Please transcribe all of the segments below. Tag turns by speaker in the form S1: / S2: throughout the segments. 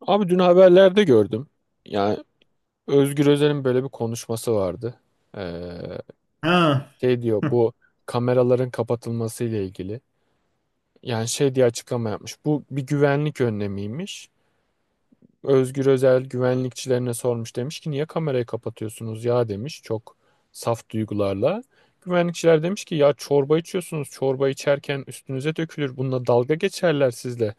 S1: Abi dün haberlerde gördüm. Yani Özgür Özel'in böyle bir konuşması vardı. Ee,
S2: Ha.
S1: Şey diyor bu kameraların kapatılması ile ilgili. Yani şey diye açıklama yapmış. Bu bir güvenlik önlemiymiş. Özgür Özel güvenlikçilerine sormuş, demiş ki niye kamerayı kapatıyorsunuz ya, demiş, çok saf duygularla. Güvenlikçiler demiş ki ya çorba içiyorsunuz, çorba içerken üstünüze dökülür, bununla dalga geçerler sizle.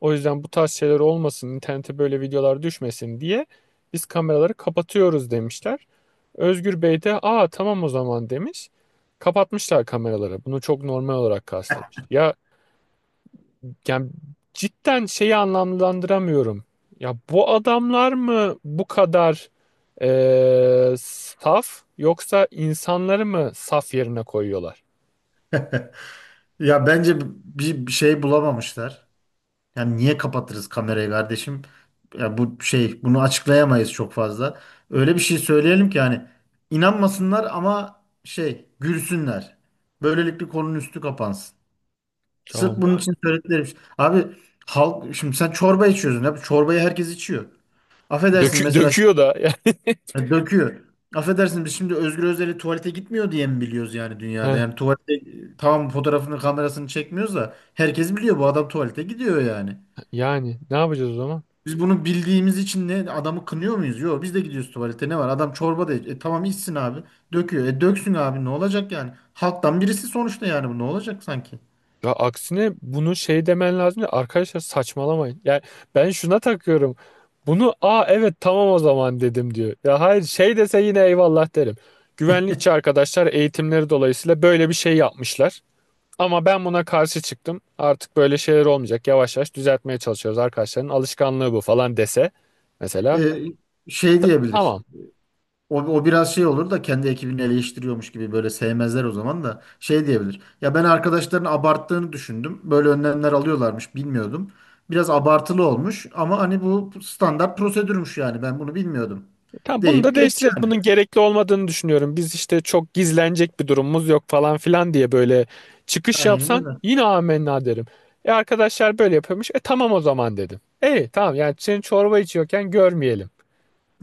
S1: O yüzden bu tarz şeyler olmasın, internete böyle videolar düşmesin diye biz kameraları kapatıyoruz demişler. Özgür Bey de aa tamam o zaman demiş. Kapatmışlar kameraları. Bunu çok normal olarak karşılamış. Ya, yani cidden şeyi anlamlandıramıyorum. Ya bu adamlar mı bu kadar saf, yoksa insanları mı saf yerine koyuyorlar?
S2: Ya bence bir şey bulamamışlar. Yani niye kapatırız kamerayı kardeşim? Ya bu şey bunu açıklayamayız çok fazla. Öyle bir şey söyleyelim ki hani inanmasınlar ama şey gülsünler. Böylelikle konunun üstü kapansın. Sırf
S1: Ama
S2: bunun için söyledikleri bir şey. Abi halk şimdi sen çorba içiyorsun. Abi çorbayı herkes içiyor. Affedersin mesela
S1: döküyor da.
S2: ya döküyor. Affedersin biz şimdi Özgür Özel'i tuvalete gitmiyor diye mi biliyoruz yani dünyada?
S1: Heh,
S2: Yani tuvalete tamam fotoğrafını kamerasını çekmiyoruz da herkes biliyor bu adam tuvalete gidiyor yani.
S1: yani ne yapacağız o zaman?
S2: Biz bunu bildiğimiz için ne adamı kınıyor muyuz? Yok biz de gidiyoruz tuvalete, ne var? Adam çorba da tamam içsin abi. Döküyor. E döksün abi ne olacak yani? Halktan birisi sonuçta, yani bu ne olacak sanki?
S1: Ya aksine bunu şey demen lazım: ya arkadaşlar, saçmalamayın. Yani ben şuna takıyorum. Bunu aa evet tamam o zaman dedim diyor. Ya hayır, şey dese yine eyvallah derim. Güvenlikçi arkadaşlar eğitimleri dolayısıyla böyle bir şey yapmışlar. Ama ben buna karşı çıktım. Artık böyle şeyler olmayacak. Yavaş yavaş düzeltmeye çalışıyoruz, arkadaşların alışkanlığı bu falan dese. Mesela
S2: E, Şey diyebilir.
S1: tamam.
S2: O biraz şey olur da kendi ekibini eleştiriyormuş gibi böyle sevmezler, o zaman da şey diyebilir. Ya ben arkadaşların abarttığını düşündüm. Böyle önlemler alıyorlarmış, bilmiyordum. Biraz abartılı olmuş ama hani bu standart prosedürmüş, yani ben bunu bilmiyordum.
S1: Tamam, bunu da
S2: Deyip
S1: değiştireceğiz.
S2: geçiyor.
S1: Bunun gerekli olmadığını düşünüyorum. Biz işte çok gizlenecek bir durumumuz yok falan filan diye böyle çıkış
S2: Aynen
S1: yapsan
S2: öyle.
S1: yine amenna derim. E arkadaşlar böyle yapıyormuş. E tamam o zaman dedim. E tamam, yani senin çorba içiyorken görmeyelim.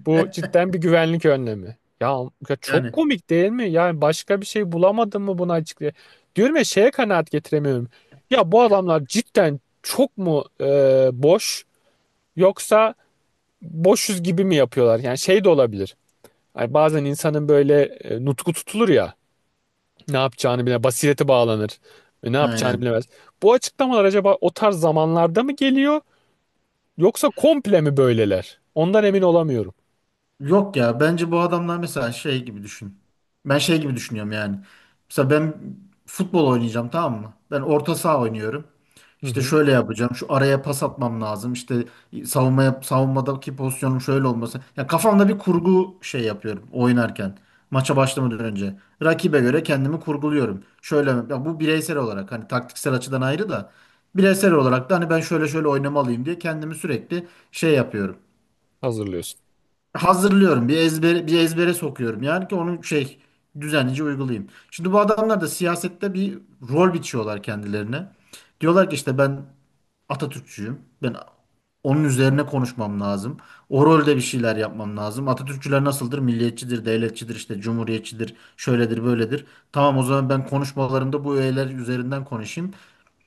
S1: Bu cidden bir güvenlik önlemi. Ya çok
S2: Yani
S1: komik değil mi? Yani başka bir şey bulamadın mı buna açıklayayım? Diyorum ya, şeye kanaat getiremiyorum. Ya bu adamlar cidden çok mu boş, yoksa boşuz gibi mi yapıyorlar? Yani şey de olabilir. Ay bazen insanın böyle nutku tutulur ya. Ne yapacağını bile basireti bağlanır. Ve ne yapacağını
S2: aynen.
S1: bilemez. Bu açıklamalar acaba o tarz zamanlarda mı geliyor, yoksa komple mi böyleler? Ondan emin olamıyorum.
S2: Yok ya, bence bu adamlar mesela şey gibi düşün. Ben şey gibi düşünüyorum yani. Mesela ben futbol oynayacağım, tamam mı? Ben orta saha oynuyorum.
S1: Hı
S2: İşte
S1: hı.
S2: şöyle yapacağım. Şu araya pas atmam lazım. İşte savunmaya, savunmadaki pozisyonum şöyle olması. Ya kafamda bir kurgu şey yapıyorum oynarken. Maça başlamadan önce. Rakibe göre kendimi kurguluyorum. Şöyle, ya bu bireysel olarak hani taktiksel açıdan ayrı da bireysel olarak da hani ben şöyle şöyle oynamalıyım diye kendimi sürekli şey yapıyorum,
S1: Hazırlıyorsun.
S2: hazırlıyorum. Bir ezbere sokuyorum. Yani ki onu şey düzenlice uygulayayım. Şimdi bu adamlar da siyasette bir rol biçiyorlar kendilerine. Diyorlar ki işte ben Atatürkçüyüm. Ben onun üzerine konuşmam lazım. O rolde bir şeyler yapmam lazım. Atatürkçüler nasıldır? Milliyetçidir, devletçidir, işte cumhuriyetçidir, şöyledir, böyledir. Tamam o zaman ben konuşmalarımda bu öğeler üzerinden konuşayım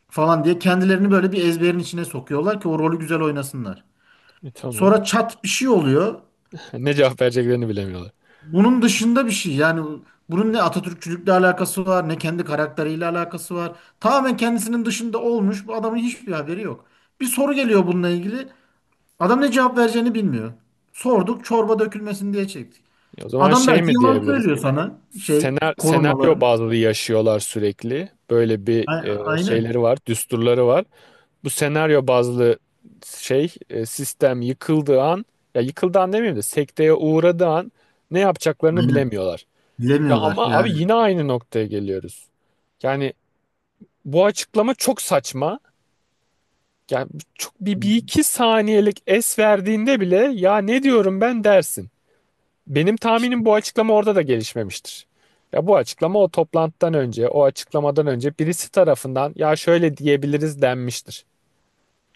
S2: falan diye kendilerini böyle bir ezberin içine sokuyorlar ki o rolü güzel oynasınlar.
S1: E, tamam.
S2: Sonra çat bir şey oluyor.
S1: Ne cevap vereceklerini bilemiyorlar.
S2: Bunun dışında bir şey, yani bunun ne Atatürkçülükle alakası var ne kendi karakteriyle alakası var. Tamamen kendisinin dışında olmuş, bu adamın hiçbir haberi yok. Bir soru geliyor bununla ilgili, adam ne cevap vereceğini bilmiyor. Sorduk, çorba dökülmesin diye çektik.
S1: E, o zaman
S2: Adam
S1: şey
S2: belki
S1: mi
S2: yalan
S1: diyebiliriz?
S2: söylüyor sana, şey
S1: Senaryo
S2: korumalarım.
S1: bazlı yaşıyorlar sürekli. Böyle bir
S2: A- Aynen.
S1: şeyleri var, düsturları var. Bu senaryo bazlı şey, sistem yıkıldığı an, ya yıkıldığı an demeyeyim de sekteye uğradığı an ne yapacaklarını
S2: Aynen.
S1: bilemiyorlar. Ya
S2: Bilemiyorlar
S1: ama abi
S2: yani.
S1: yine aynı noktaya geliyoruz. Yani bu açıklama çok saçma. Yani çok bir iki saniyelik es verdiğinde bile ya ne diyorum ben dersin. Benim tahminim, bu açıklama orada da gelişmemiştir. Ya bu açıklama o toplantıdan önce, o açıklamadan önce birisi tarafından ya şöyle diyebiliriz denmiştir.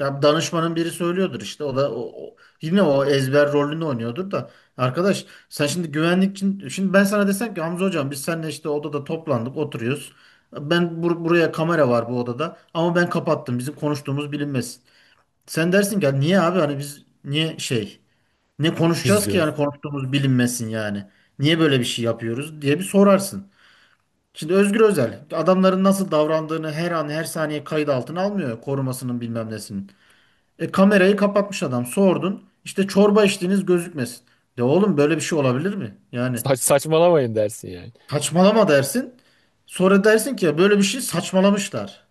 S2: Ya danışmanın biri söylüyordur işte, o da yine o ezber rolünü oynuyordur da arkadaş sen şimdi güvenlik için, şimdi ben sana desem ki Hamza hocam biz seninle işte odada toplandık oturuyoruz, ben buraya kamera var bu odada ama ben kapattım, bizim konuştuğumuz bilinmesin, sen dersin ki "Ya niye abi, hani biz niye şey, ne konuşacağız ki yani,
S1: Gizliyoruz.
S2: konuştuğumuz bilinmesin yani niye böyle bir şey yapıyoruz" diye bir sorarsın. Şimdi Özgür Özel adamların nasıl davrandığını her an her saniye kayıt altına almıyor, korumasının bilmem nesinin. Kamerayı kapatmış adam. Sordun. İşte çorba içtiğiniz gözükmesin. De oğlum, böyle bir şey olabilir mi? Yani
S1: Saçmalamayın dersin yani.
S2: saçmalama dersin. Sonra dersin ki "Ya böyle bir şey saçmalamışlar."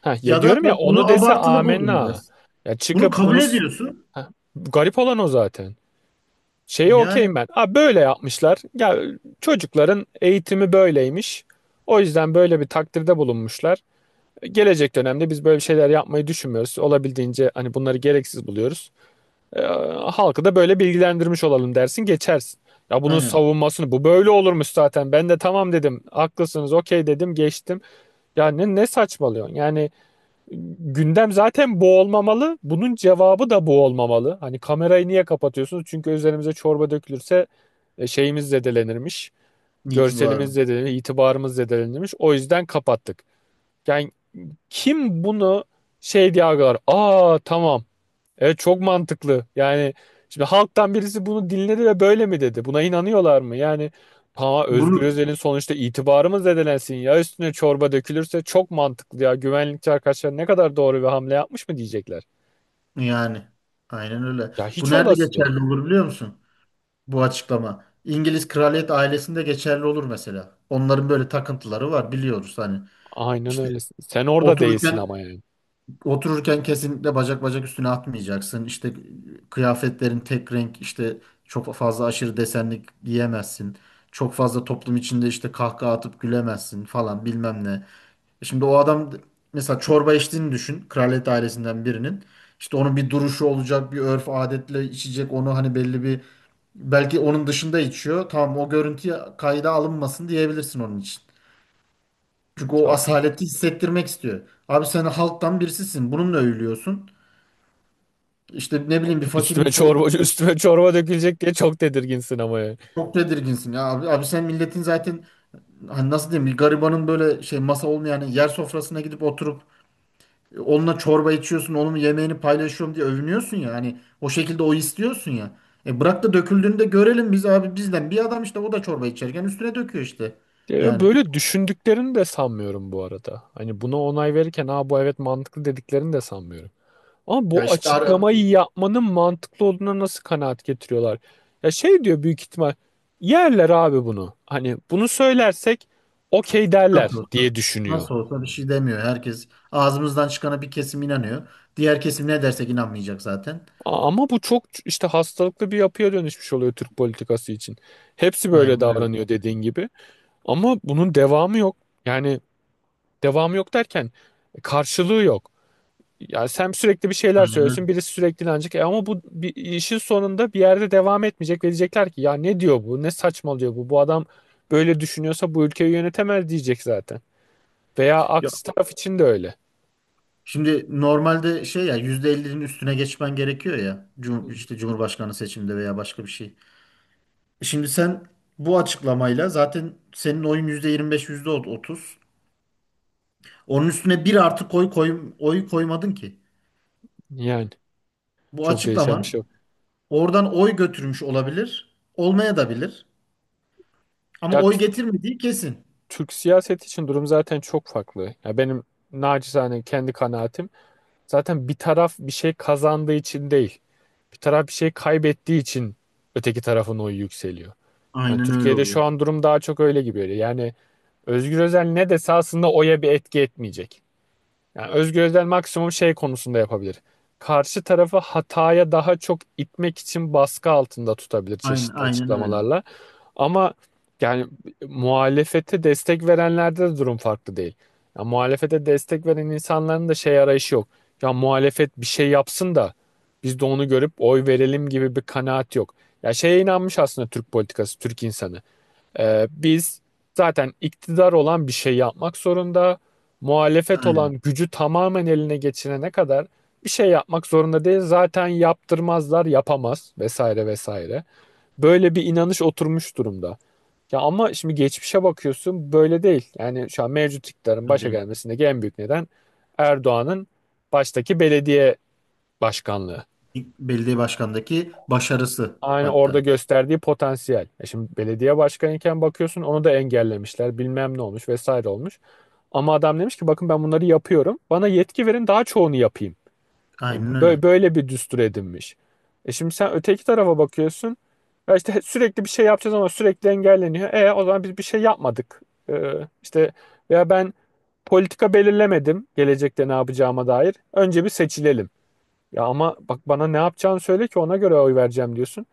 S1: Ha, ya
S2: Ya da
S1: diyorum ya,
S2: ben bunu
S1: onu dese
S2: abartılı buldum
S1: amenna.
S2: dersin.
S1: Ya
S2: Bunu
S1: çıkıp
S2: kabul
S1: bunu s-
S2: ediyorsun.
S1: ha, garip olan o zaten. Şeye
S2: Yani
S1: okeyim ben. Ha, böyle yapmışlar. Ya çocukların eğitimi böyleymiş. O yüzden böyle bir takdirde bulunmuşlar. Gelecek dönemde biz böyle şeyler yapmayı düşünmüyoruz. Olabildiğince hani bunları gereksiz buluyoruz. Ee, Halkı da böyle bilgilendirmiş olalım dersin, geçersin. Ya bunun
S2: aynen,
S1: savunmasını bu böyle olurmuş zaten. Ben de tamam dedim. Haklısınız, okey dedim, geçtim. Ya ne saçmalıyorsun? Yani gündem zaten bu olmamalı. Bunun cevabı da bu olmamalı. Hani kamerayı niye kapatıyorsunuz? Çünkü üzerimize çorba dökülürse şeyimiz zedelenirmiş.
S2: itibarlı.
S1: Görselimiz zedelenir, itibarımız zedelenirmiş. O yüzden kapattık. Yani kim bunu şey diye algılar? Aa tamam. Evet çok mantıklı. Yani şimdi halktan birisi bunu dinledi ve böyle mi dedi? Buna inanıyorlar mı? Yani ha, Özgür
S2: Bunu,
S1: Özel'in sonuçta itibarı mı zedelensin, ya üstüne çorba dökülürse, çok mantıklı ya. Güvenlikçi arkadaşlar ne kadar doğru bir hamle yapmış mı diyecekler.
S2: yani aynen öyle.
S1: Ya
S2: Bu
S1: hiç
S2: nerede
S1: olası değil.
S2: geçerli olur biliyor musun? Bu açıklama. İngiliz kraliyet ailesinde geçerli olur mesela. Onların böyle takıntıları var biliyoruz hani.
S1: Aynen
S2: İşte
S1: öyle. Sen orada değilsin
S2: otururken,
S1: ama yani.
S2: otururken kesinlikle bacak bacak üstüne atmayacaksın. İşte kıyafetlerin tek renk, işte çok fazla aşırı desenlik giyemezsin. Çok fazla toplum içinde işte kahkaha atıp gülemezsin falan bilmem ne. Şimdi o adam mesela çorba içtiğini düşün. Kraliyet ailesinden birinin. İşte onun bir duruşu olacak, bir örf adetle içecek. Onu hani belli bir, belki onun dışında içiyor. Tamam, o görüntü kayda alınmasın diyebilirsin onun için. Çünkü
S1: Ya
S2: o asaleti hissettirmek istiyor. Abi sen halktan birisisin. Bununla övülüyorsun. İşte ne bileyim bir fakirin so
S1: üstüme çorba dökülecek diye çok tedirginsin ama yani.
S2: çok tedirginsin ya abi. Abi sen milletin zaten hani nasıl diyeyim, bir garibanın böyle şey masa olmayan yani yer sofrasına gidip oturup onunla çorba içiyorsun, onun yemeğini paylaşıyorum diye övünüyorsun ya, hani o şekilde o istiyorsun ya. E bırak da döküldüğünü de görelim biz abi, bizden bir adam işte, o da çorba içerken üstüne döküyor işte.
S1: Ya
S2: Yani
S1: böyle düşündüklerini de sanmıyorum bu arada. Hani buna onay verirken ha bu evet mantıklı dediklerini de sanmıyorum. Ama
S2: ya
S1: bu açıklamayı yapmanın mantıklı olduğuna nasıl kanaat getiriyorlar? Ya şey diyor büyük ihtimal: yerler abi bunu. Hani bunu söylersek okey
S2: nasıl
S1: derler
S2: olsa,
S1: diye düşünüyor.
S2: nasıl olsa bir şey demiyor. Herkes ağzımızdan çıkana bir kesim inanıyor. Diğer kesim ne dersek inanmayacak zaten.
S1: Ama bu çok işte hastalıklı bir yapıya dönüşmüş oluyor Türk politikası için. Hepsi böyle
S2: Aynen öyle.
S1: davranıyor dediğin gibi. Ama bunun devamı yok. Yani devamı yok derken, karşılığı yok. Yani sen sürekli bir şeyler
S2: Aynen öyle.
S1: söylüyorsun, birisi sürekli inanacak. E ama bu bir, işin sonunda bir yerde devam etmeyecek ve diyecekler ki ya ne diyor bu, ne saçmalıyor bu, bu adam böyle düşünüyorsa bu ülkeyi yönetemez diyecek zaten. Veya aksi taraf için de öyle.
S2: Şimdi normalde şey, ya %50'nin üstüne geçmen gerekiyor ya.
S1: Hı hı.
S2: İşte Cumhurbaşkanı seçiminde veya başka bir şey. Şimdi sen bu açıklamayla zaten senin oyun %25, %30. Onun üstüne bir artı koy, oy koymadın ki.
S1: Yani
S2: Bu
S1: çok değişen bir şey yok.
S2: açıklaman oradan oy götürmüş olabilir. Olmaya da bilir. Ama
S1: Ya
S2: oy
S1: t-
S2: getirmediği kesin.
S1: Türk siyaseti için durum zaten çok farklı. Ya benim naçizane kendi kanaatim, zaten bir taraf bir şey kazandığı için değil, bir taraf bir şey kaybettiği için öteki tarafın oyu yükseliyor. Yani
S2: Aynen öyle
S1: Türkiye'de
S2: oluyor.
S1: şu an durum daha çok öyle gibi. Öyle. Yani Özgür Özel ne dese aslında oya bir etki etmeyecek. Yani Özgür Özel maksimum şey konusunda yapabilir: karşı tarafı hataya daha çok itmek için baskı altında tutabilir
S2: Aynen,
S1: çeşitli
S2: aynen öyle.
S1: açıklamalarla. Ama yani muhalefete destek verenlerde de durum farklı değil. Ya muhalefete destek veren insanların da şey arayışı yok. Ya muhalefet bir şey yapsın da biz de onu görüp oy verelim gibi bir kanaat yok. Ya şeye inanmış aslında Türk politikası, Türk insanı. Biz, zaten iktidar olan bir şey yapmak zorunda. Muhalefet
S2: Aynen.
S1: olan gücü tamamen eline geçirene kadar bir şey yapmak zorunda değil. Zaten yaptırmazlar, yapamaz vesaire vesaire. Böyle bir inanış oturmuş durumda. Ya ama şimdi geçmişe bakıyorsun, böyle değil. Yani şu an mevcut iktidarın
S2: Öyle
S1: başa
S2: değil.
S1: gelmesindeki en büyük neden Erdoğan'ın baştaki belediye başkanlığı.
S2: Belediye başkanındaki başarısı
S1: Aynı
S2: hatta.
S1: orada gösterdiği potansiyel. E şimdi belediye başkanıyken bakıyorsun, onu da engellemişler. Bilmem ne olmuş, vesaire olmuş. Ama adam demiş ki bakın ben bunları yapıyorum. Bana yetki verin, daha çoğunu yapayım. Hani
S2: Aynen öyle.
S1: böyle, böyle bir düstur edinmiş. E şimdi sen öteki tarafa bakıyorsun. Ya işte sürekli bir şey yapacağız ama sürekli engelleniyor. E o zaman biz bir şey yapmadık. E, işte veya ben politika belirlemedim gelecekte ne yapacağıma dair. Önce bir seçilelim. Ya ama bak, bana ne yapacağını söyle ki ona göre oy vereceğim diyorsun.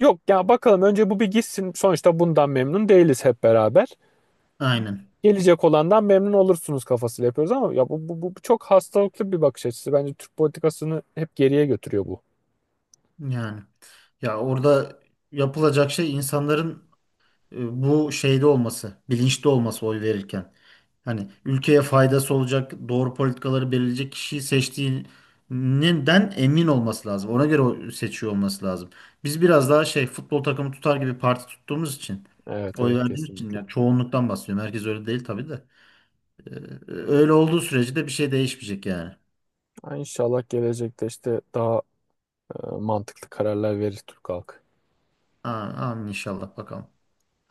S1: Yok ya, bakalım önce bu bir gitsin. Sonuçta bundan memnun değiliz hep beraber,
S2: Aynen.
S1: gelecek olandan memnun olursunuz kafasıyla yapıyoruz ama ya bu çok hastalıklı bir bakış açısı. Bence Türk politikasını hep geriye götürüyor bu.
S2: Yani ya orada yapılacak şey, insanların bu şeyde olması, bilinçli olması oy verirken. Hani ülkeye faydası olacak, doğru politikaları belirleyecek kişiyi seçtiğinden emin olması lazım. Ona göre o seçiyor olması lazım. Biz biraz daha şey, futbol takımı tutar gibi parti tuttuğumuz için,
S1: Evet
S2: oy
S1: evet
S2: verdiğimiz için,
S1: kesinlikle.
S2: ya çoğunluktan bahsediyorum. Herkes öyle değil tabii de. Ee, Öyle olduğu sürece de bir şey değişmeyecek yani.
S1: Ha, İnşallah gelecekte işte daha mantıklı kararlar verir Türk halkı.
S2: A- Amin inşallah, bakalım.